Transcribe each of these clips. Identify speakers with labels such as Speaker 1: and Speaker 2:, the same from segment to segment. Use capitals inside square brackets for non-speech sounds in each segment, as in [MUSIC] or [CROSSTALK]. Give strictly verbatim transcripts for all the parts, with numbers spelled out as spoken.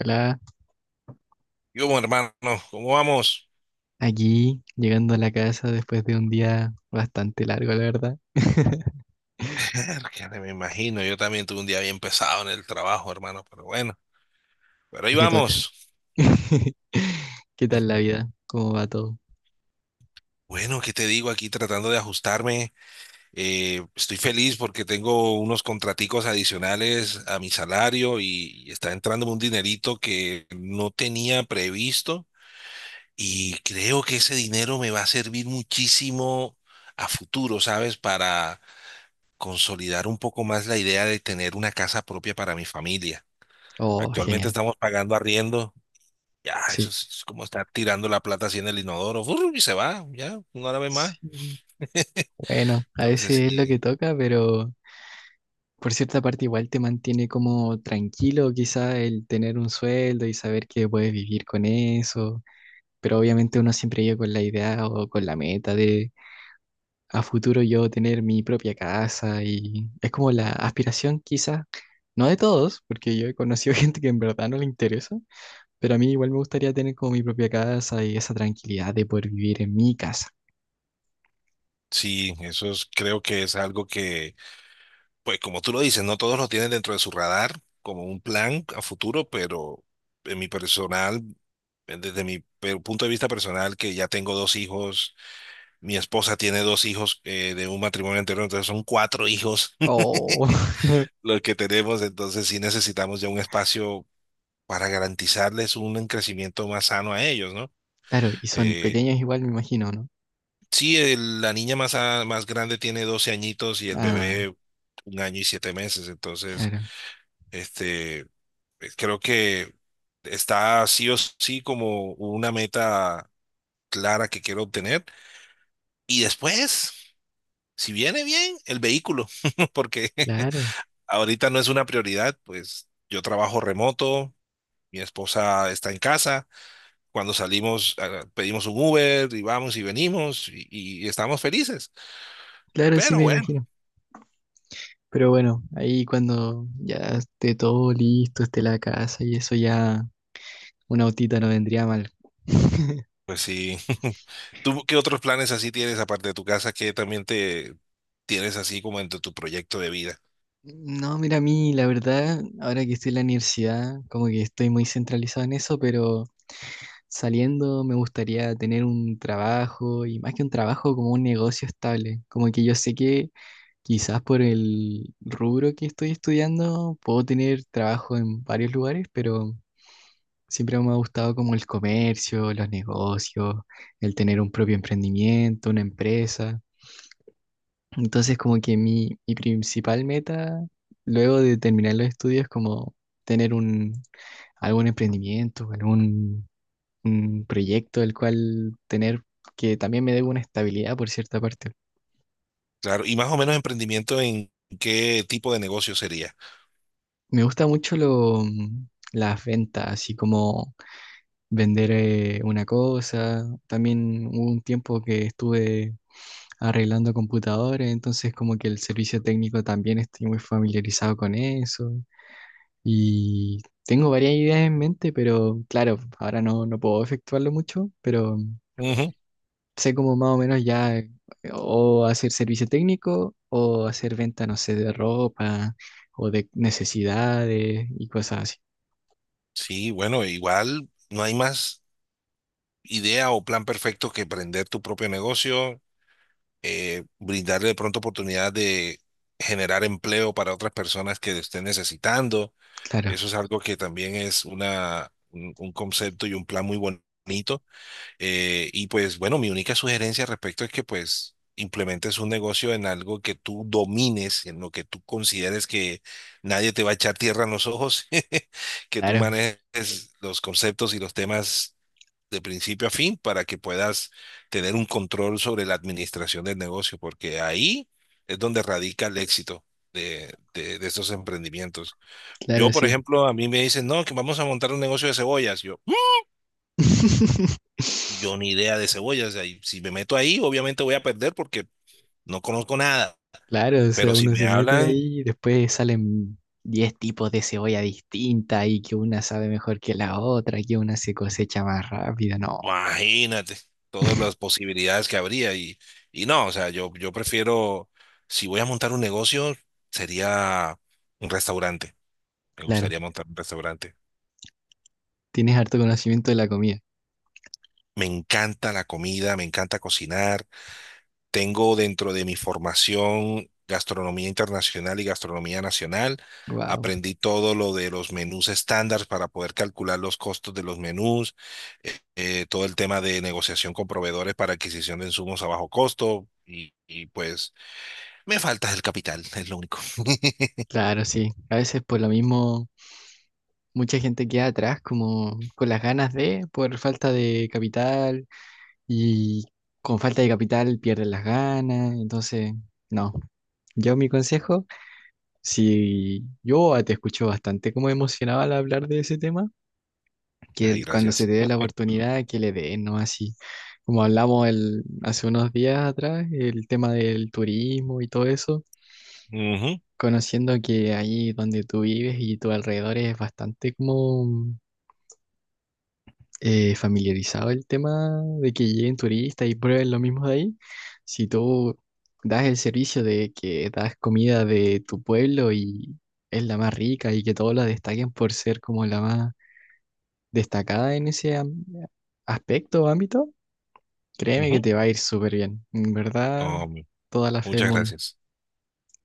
Speaker 1: Hola,
Speaker 2: Yo, bueno, hermano, ¿cómo vamos?
Speaker 1: aquí llegando a la casa después de un día bastante largo, la verdad. [LAUGHS]
Speaker 2: [LAUGHS] Que me imagino, yo también tuve un día bien pesado en el trabajo, hermano, pero bueno, pero ahí
Speaker 1: Lo que toca.
Speaker 2: vamos.
Speaker 1: [LAUGHS] ¿Qué tal
Speaker 2: [LAUGHS]
Speaker 1: la vida? ¿Cómo va todo?
Speaker 2: Bueno, ¿qué te digo aquí tratando de ajustarme? Eh, estoy feliz porque tengo unos contraticos adicionales a mi salario y está entrando un dinerito que no tenía previsto y creo que ese dinero me va a servir muchísimo a futuro, ¿sabes? Para consolidar un poco más la idea de tener una casa propia para mi familia.
Speaker 1: Oh,
Speaker 2: Actualmente
Speaker 1: genial.
Speaker 2: estamos pagando arriendo. Ya, eso
Speaker 1: Sí.
Speaker 2: es, es como estar tirando la plata así en el inodoro. ¡Fur! Y se va, ya, no la ve más.
Speaker 1: Sí. Bueno, a
Speaker 2: Entonces,
Speaker 1: veces es lo que
Speaker 2: sí,
Speaker 1: toca, pero por cierta parte igual te mantiene como tranquilo, quizá el tener un sueldo y saber que puedes vivir con eso. Pero obviamente uno siempre llega con la idea o con la meta de a futuro yo tener mi propia casa y es como la aspiración quizás. No de todos, porque yo he conocido [LAUGHS] gente que en verdad no le interesa, pero a mí igual me gustaría tener como mi propia casa y esa tranquilidad de poder vivir en mi casa.
Speaker 2: sí, eso es- creo que es algo que, pues como tú lo dices, no todos lo tienen dentro de su radar como un plan a futuro, pero en mi personal, eh, desde mi pe- punto de vista personal, que ya tengo dos hijos. Mi esposa tiene dos hijos, eh, de un matrimonio anterior, entonces son cuatro hijos
Speaker 1: Oh, [LAUGHS]
Speaker 2: [LAUGHS] los que tenemos, entonces sí necesitamos ya un espacio para garantizarles un crecimiento más sano a ellos, ¿no?
Speaker 1: claro, y son
Speaker 2: Eh,
Speaker 1: pequeños igual, me imagino, ¿no?
Speaker 2: sí, el- la niña más, a- más grande, tiene doce añitos y el
Speaker 1: Ah,
Speaker 2: bebé un año y siete meses. Entonces,
Speaker 1: claro,
Speaker 2: este, eh, creo que está sí o sí como una meta clara que quiero obtener. Y después, si viene bien, el vehículo, [LAUGHS] porque
Speaker 1: claro,
Speaker 2: ahorita no es una prioridad, pues yo trabajo remoto, mi esposa está en casa. Cuando salimos, ah, pedimos un Uber y vamos y venimos, y, y estamos felices.
Speaker 1: claro, sí
Speaker 2: Pero
Speaker 1: me
Speaker 2: bueno,
Speaker 1: imagino. Pero bueno, ahí cuando ya esté todo listo, esté la casa y eso ya, una autita no vendría mal. [LAUGHS]
Speaker 2: pues sí. [LAUGHS] ¿Tú qué otros planes así tienes, aparte de tu casa, que también te tienes así como entre tu proyecto de vida?
Speaker 1: No, mira, a mí la verdad, ahora que estoy en la universidad, como que estoy muy centralizado en eso, pero... Saliendo me gustaría tener un trabajo y más que un trabajo como un negocio estable. Como que yo sé que quizás por el rubro que estoy estudiando puedo tener trabajo en varios lugares, pero siempre me ha gustado como el comercio, los negocios, el tener un propio emprendimiento, una empresa. Entonces como que mi, mi principal meta luego de terminar los estudios es como tener un, algún emprendimiento, algún un proyecto del cual tener que también me dé una estabilidad por cierta parte.
Speaker 2: Claro, y más o menos, emprendimiento en qué tipo de negocio sería.
Speaker 1: Me gusta mucho lo, mm, las ventas, así como vender eh, una cosa. También hubo un tiempo que estuve arreglando computadores, entonces como que el servicio técnico también estoy muy familiarizado con eso. Y tengo varias ideas en mente, pero claro, ahora no, no puedo efectuarlo mucho, pero
Speaker 2: Ujú.
Speaker 1: sé como más o menos ya eh, o hacer servicio técnico o hacer venta, no sé, de ropa o de necesidades y cosas así.
Speaker 2: Sí, bueno, igual no hay más idea o plan perfecto que emprender tu propio negocio, eh, brindarle de pronto oportunidad de generar empleo para otras personas que lo estén necesitando.
Speaker 1: Claro,
Speaker 2: Eso es algo que también es una, un, un concepto y un plan muy bonito. Eh, y pues bueno, mi única sugerencia al respecto es que pues implementes un negocio en algo que tú domines, en lo que tú consideres que nadie te va a echar tierra en los ojos, [LAUGHS] que tú
Speaker 1: claro,
Speaker 2: manejes los conceptos y los temas de principio a fin para que puedas tener un control sobre la administración del negocio, porque ahí es donde radica el éxito de, de de estos emprendimientos. Yo,
Speaker 1: claro,
Speaker 2: por
Speaker 1: sí.
Speaker 2: ejemplo, a mí me dicen, no, que vamos a montar un negocio de cebollas. Yo, "Mm,
Speaker 1: [LAUGHS]
Speaker 2: yo ni idea de cebollas. Ahí, si me meto ahí, obviamente voy a perder porque no conozco nada".
Speaker 1: Claro, o sea,
Speaker 2: Pero si
Speaker 1: uno
Speaker 2: me
Speaker 1: se mete
Speaker 2: hablan,
Speaker 1: ahí y después salen diez tipos de cebolla distinta y que una sabe mejor que la otra, que una se cosecha más rápido. No,
Speaker 2: imagínate todas las posibilidades que habría. Y, y no, o sea, yo, yo prefiero, si voy a montar un negocio, sería un restaurante. Me
Speaker 1: claro,
Speaker 2: gustaría montar un restaurante.
Speaker 1: tienes harto conocimiento de la comida.
Speaker 2: Me encanta la comida, me encanta cocinar. Tengo dentro de mi formación gastronomía internacional y gastronomía nacional.
Speaker 1: Wow,
Speaker 2: Aprendí todo lo de los menús estándar para poder calcular los costos de los menús, eh, eh, todo el tema de negociación con proveedores para adquisición de insumos a bajo costo, y, y, pues me falta el capital. [LAUGHS] Es lo único. [LAUGHS]
Speaker 1: claro, sí. A veces por lo mismo mucha gente queda atrás como con las ganas de, por falta de capital y con falta de capital pierden las ganas, entonces no. Yo mi consejo, si yo te escucho bastante como emocionado al hablar de ese tema, que
Speaker 2: Ay,
Speaker 1: el- cuando se
Speaker 2: gracias.
Speaker 1: te dé la oportunidad, que le den, ¿no? Así como hablamos el, hace unos días atrás, el tema del turismo y todo eso,
Speaker 2: Ujú,
Speaker 1: conociendo que ahí donde tú vives y tu alrededor es bastante como eh, familiarizado el tema de que lleguen turistas y prueben lo mismo de ahí, si tú das el servicio de que das comida de tu pueblo y es la más rica y que todos la destaquen por ser como la más destacada en ese am- aspecto o ámbito, créeme que
Speaker 2: ujú.
Speaker 1: te va a ir súper bien. En verdad,
Speaker 2: Um,
Speaker 1: toda la fe del
Speaker 2: muchas
Speaker 1: mundo.
Speaker 2: gracias.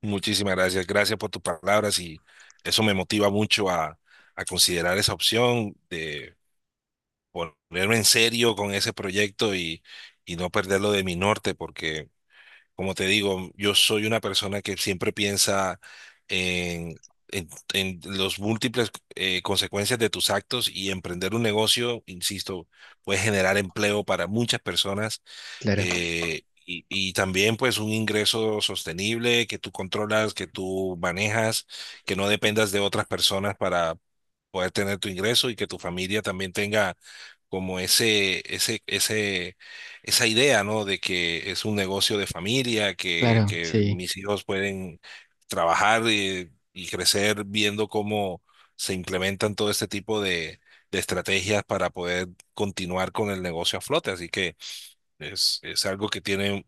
Speaker 2: Muchísimas gracias. Gracias por tus palabras, y eso me motiva mucho a, a considerar esa opción de ponerme en serio con ese proyecto y, y no perderlo de mi norte, porque como te digo, yo soy una persona que siempre piensa en, en, en los múltiples eh, consecuencias de tus actos, y emprender un negocio, insisto, puede generar empleo para muchas personas.
Speaker 1: Claro,
Speaker 2: eh, Y, y también, pues, un ingreso sostenible que tú controlas, que tú manejas, que no dependas de otras personas para poder tener tu ingreso, y que tu familia también tenga como ese, ese, ese, esa idea, ¿no? De que es un negocio de familia, que,
Speaker 1: claro,
Speaker 2: que
Speaker 1: sí.
Speaker 2: mis hijos pueden trabajar y, y crecer viendo cómo se implementan todo este tipo de, de estrategias para poder continuar con el negocio a flote. Así que es, es algo que tiene,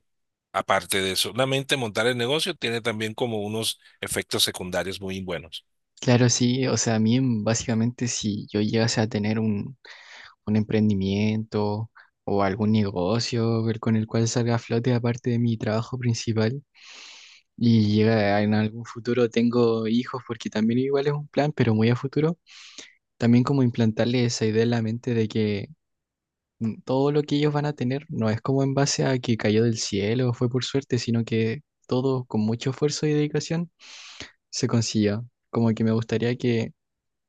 Speaker 2: aparte de solamente montar el negocio, tiene también como unos efectos secundarios muy buenos.
Speaker 1: Claro, sí. O sea, a mí mm, básicamente si yo llegase a tener un un emprendimiento o algún negocio el- con el cual salga a flote aparte de mi trabajo principal. Y llega a- en algún futuro tengo hijos, porque también igual es un plan, pero muy a futuro. También como implantarle esa idea en la mente de que mm, todo lo que ellos van a tener no es como en base a que cayó del cielo o fue por suerte, sino que todo con mucho esfuerzo y dedicación se consiguió. Como que me gustaría que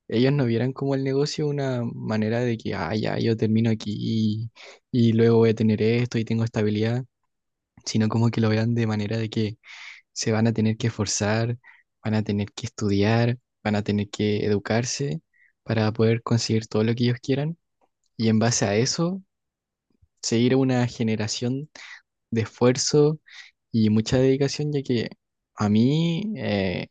Speaker 1: ellos no vieran como el negocio una manera de que, ah, ya, yo termino aquí y, y luego voy a tener esto y tengo estabilidad, sino como que lo vean de manera de que se van a tener que esforzar, van a tener que estudiar, van a tener que educarse para poder conseguir todo lo que ellos quieran y en base a eso, seguir una generación de esfuerzo y mucha dedicación, ya que a mí eh,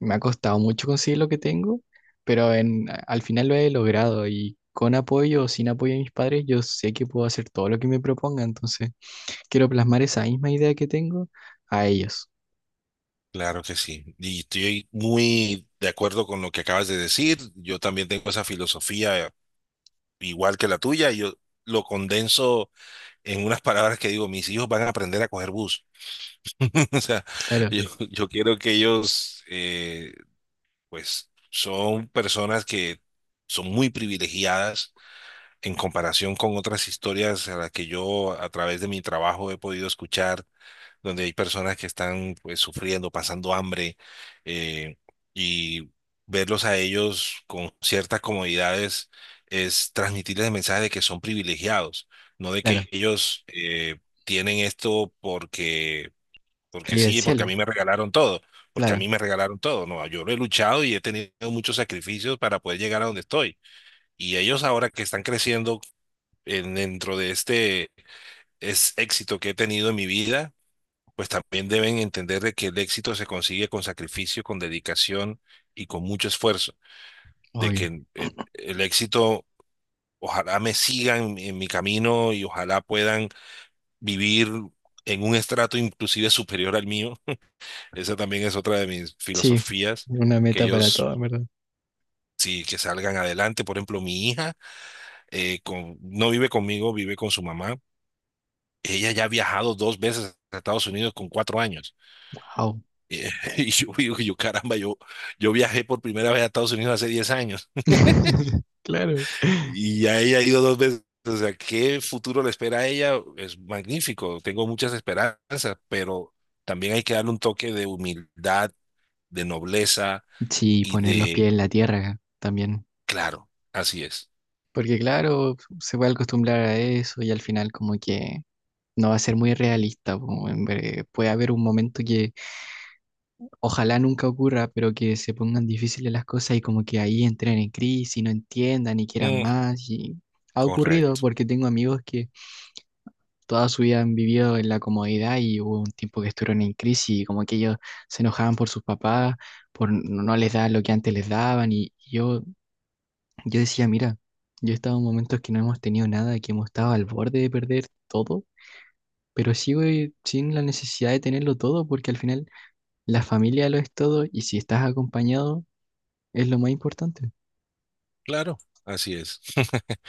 Speaker 1: me ha costado mucho conseguir lo que tengo, pero en, a- al final lo he logrado y con apoyo o sin apoyo de mis padres, yo sé que puedo hacer todo lo que me proponga, entonces quiero plasmar esa misma idea que tengo a ellos.
Speaker 2: Claro que sí. Y estoy muy de acuerdo con lo que acabas de decir. Yo también tengo esa filosofía, igual que la tuya. Yo lo condenso en unas palabras que digo: mis hijos van a aprender a coger bus. [LAUGHS] O sea,
Speaker 1: Claro,
Speaker 2: yo, yo quiero que ellos, eh, pues, son personas que son muy privilegiadas en comparación con otras historias a las que yo a través de mi trabajo he podido escuchar, donde hay personas que están, pues, sufriendo, pasando hambre, eh, y verlos a ellos con ciertas comodidades es transmitirles el mensaje de que son privilegiados, no de
Speaker 1: claro,
Speaker 2: que ellos, eh, tienen esto porque, porque
Speaker 1: caí del
Speaker 2: sí, porque a
Speaker 1: cielo,
Speaker 2: mí me regalaron todo, porque a
Speaker 1: claro,
Speaker 2: mí me regalaron todo. No, yo lo he luchado y he tenido muchos sacrificios para poder llegar a donde estoy. Y ellos ahora que están creciendo en- dentro de este es éxito que he tenido en mi vida, pues también deben entender de que el éxito se consigue con sacrificio, con dedicación y con mucho esfuerzo, de que
Speaker 1: obvio.
Speaker 2: el, el éxito, ojalá me sigan en mi camino y ojalá puedan vivir en un estrato inclusive superior al mío. [LAUGHS] Esa también es otra de mis
Speaker 1: Sí,
Speaker 2: filosofías,
Speaker 1: una
Speaker 2: que
Speaker 1: meta para
Speaker 2: ellos
Speaker 1: todos, ¿verdad?
Speaker 2: sí que salgan adelante. Por ejemplo, mi hija, eh, con- no vive conmigo, vive con su mamá. Ella ya ha viajado dos veces a Estados Unidos con cuatro años.
Speaker 1: Wow.
Speaker 2: Eh, [LAUGHS] Y yo, yo, yo, caramba, yo, yo viajé por primera vez a Estados Unidos hace diez años,
Speaker 1: [LAUGHS] Claro.
Speaker 2: y a ella ha ido dos veces. O sea, ¿qué futuro le espera a ella? Es magnífico, tengo muchas esperanzas, pero también hay que darle un toque de humildad, de nobleza
Speaker 1: Sí,
Speaker 2: y
Speaker 1: poner los pies
Speaker 2: de...
Speaker 1: en la tierra también.
Speaker 2: Claro, así es.
Speaker 1: Porque claro, se puede acostumbrar a eso y al final como que no va a ser muy realista. Po, en ver- puede haber un momento que ojalá nunca ocurra, pero que se pongan difíciles las cosas y como que ahí entren en crisis y no entiendan y quieran
Speaker 2: Mm,
Speaker 1: más. Y ha ocurrido
Speaker 2: correcto.
Speaker 1: porque tengo amigos que toda su vida han vivido en la comodidad y hubo un tiempo que estuvieron en crisis y como que ellos se enojaban por sus papás, por no no les dar lo que antes les daban y y yo. Yo decía, mira, yo he estado en momentos que no hemos tenido nada, que hemos estado al borde de perder todo, pero sigo eh, sin la necesidad de tenerlo todo, porque al final la familia lo es todo y si estás acompañado es lo más importante.
Speaker 2: Claro, así es. [LAUGHS]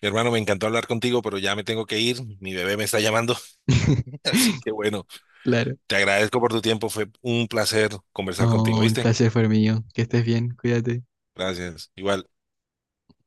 Speaker 2: Hermano, me encantó hablar contigo, pero ya me tengo que ir. Mi bebé me está llamando.
Speaker 1: [LAUGHS]
Speaker 2: [LAUGHS] Así que bueno,
Speaker 1: Claro.
Speaker 2: te agradezco por tu tiempo. Fue un placer conversar contigo,
Speaker 1: No, el
Speaker 2: ¿viste?
Speaker 1: placer fue mío. Que estés bien, cuídate.
Speaker 2: Gracias. Igual.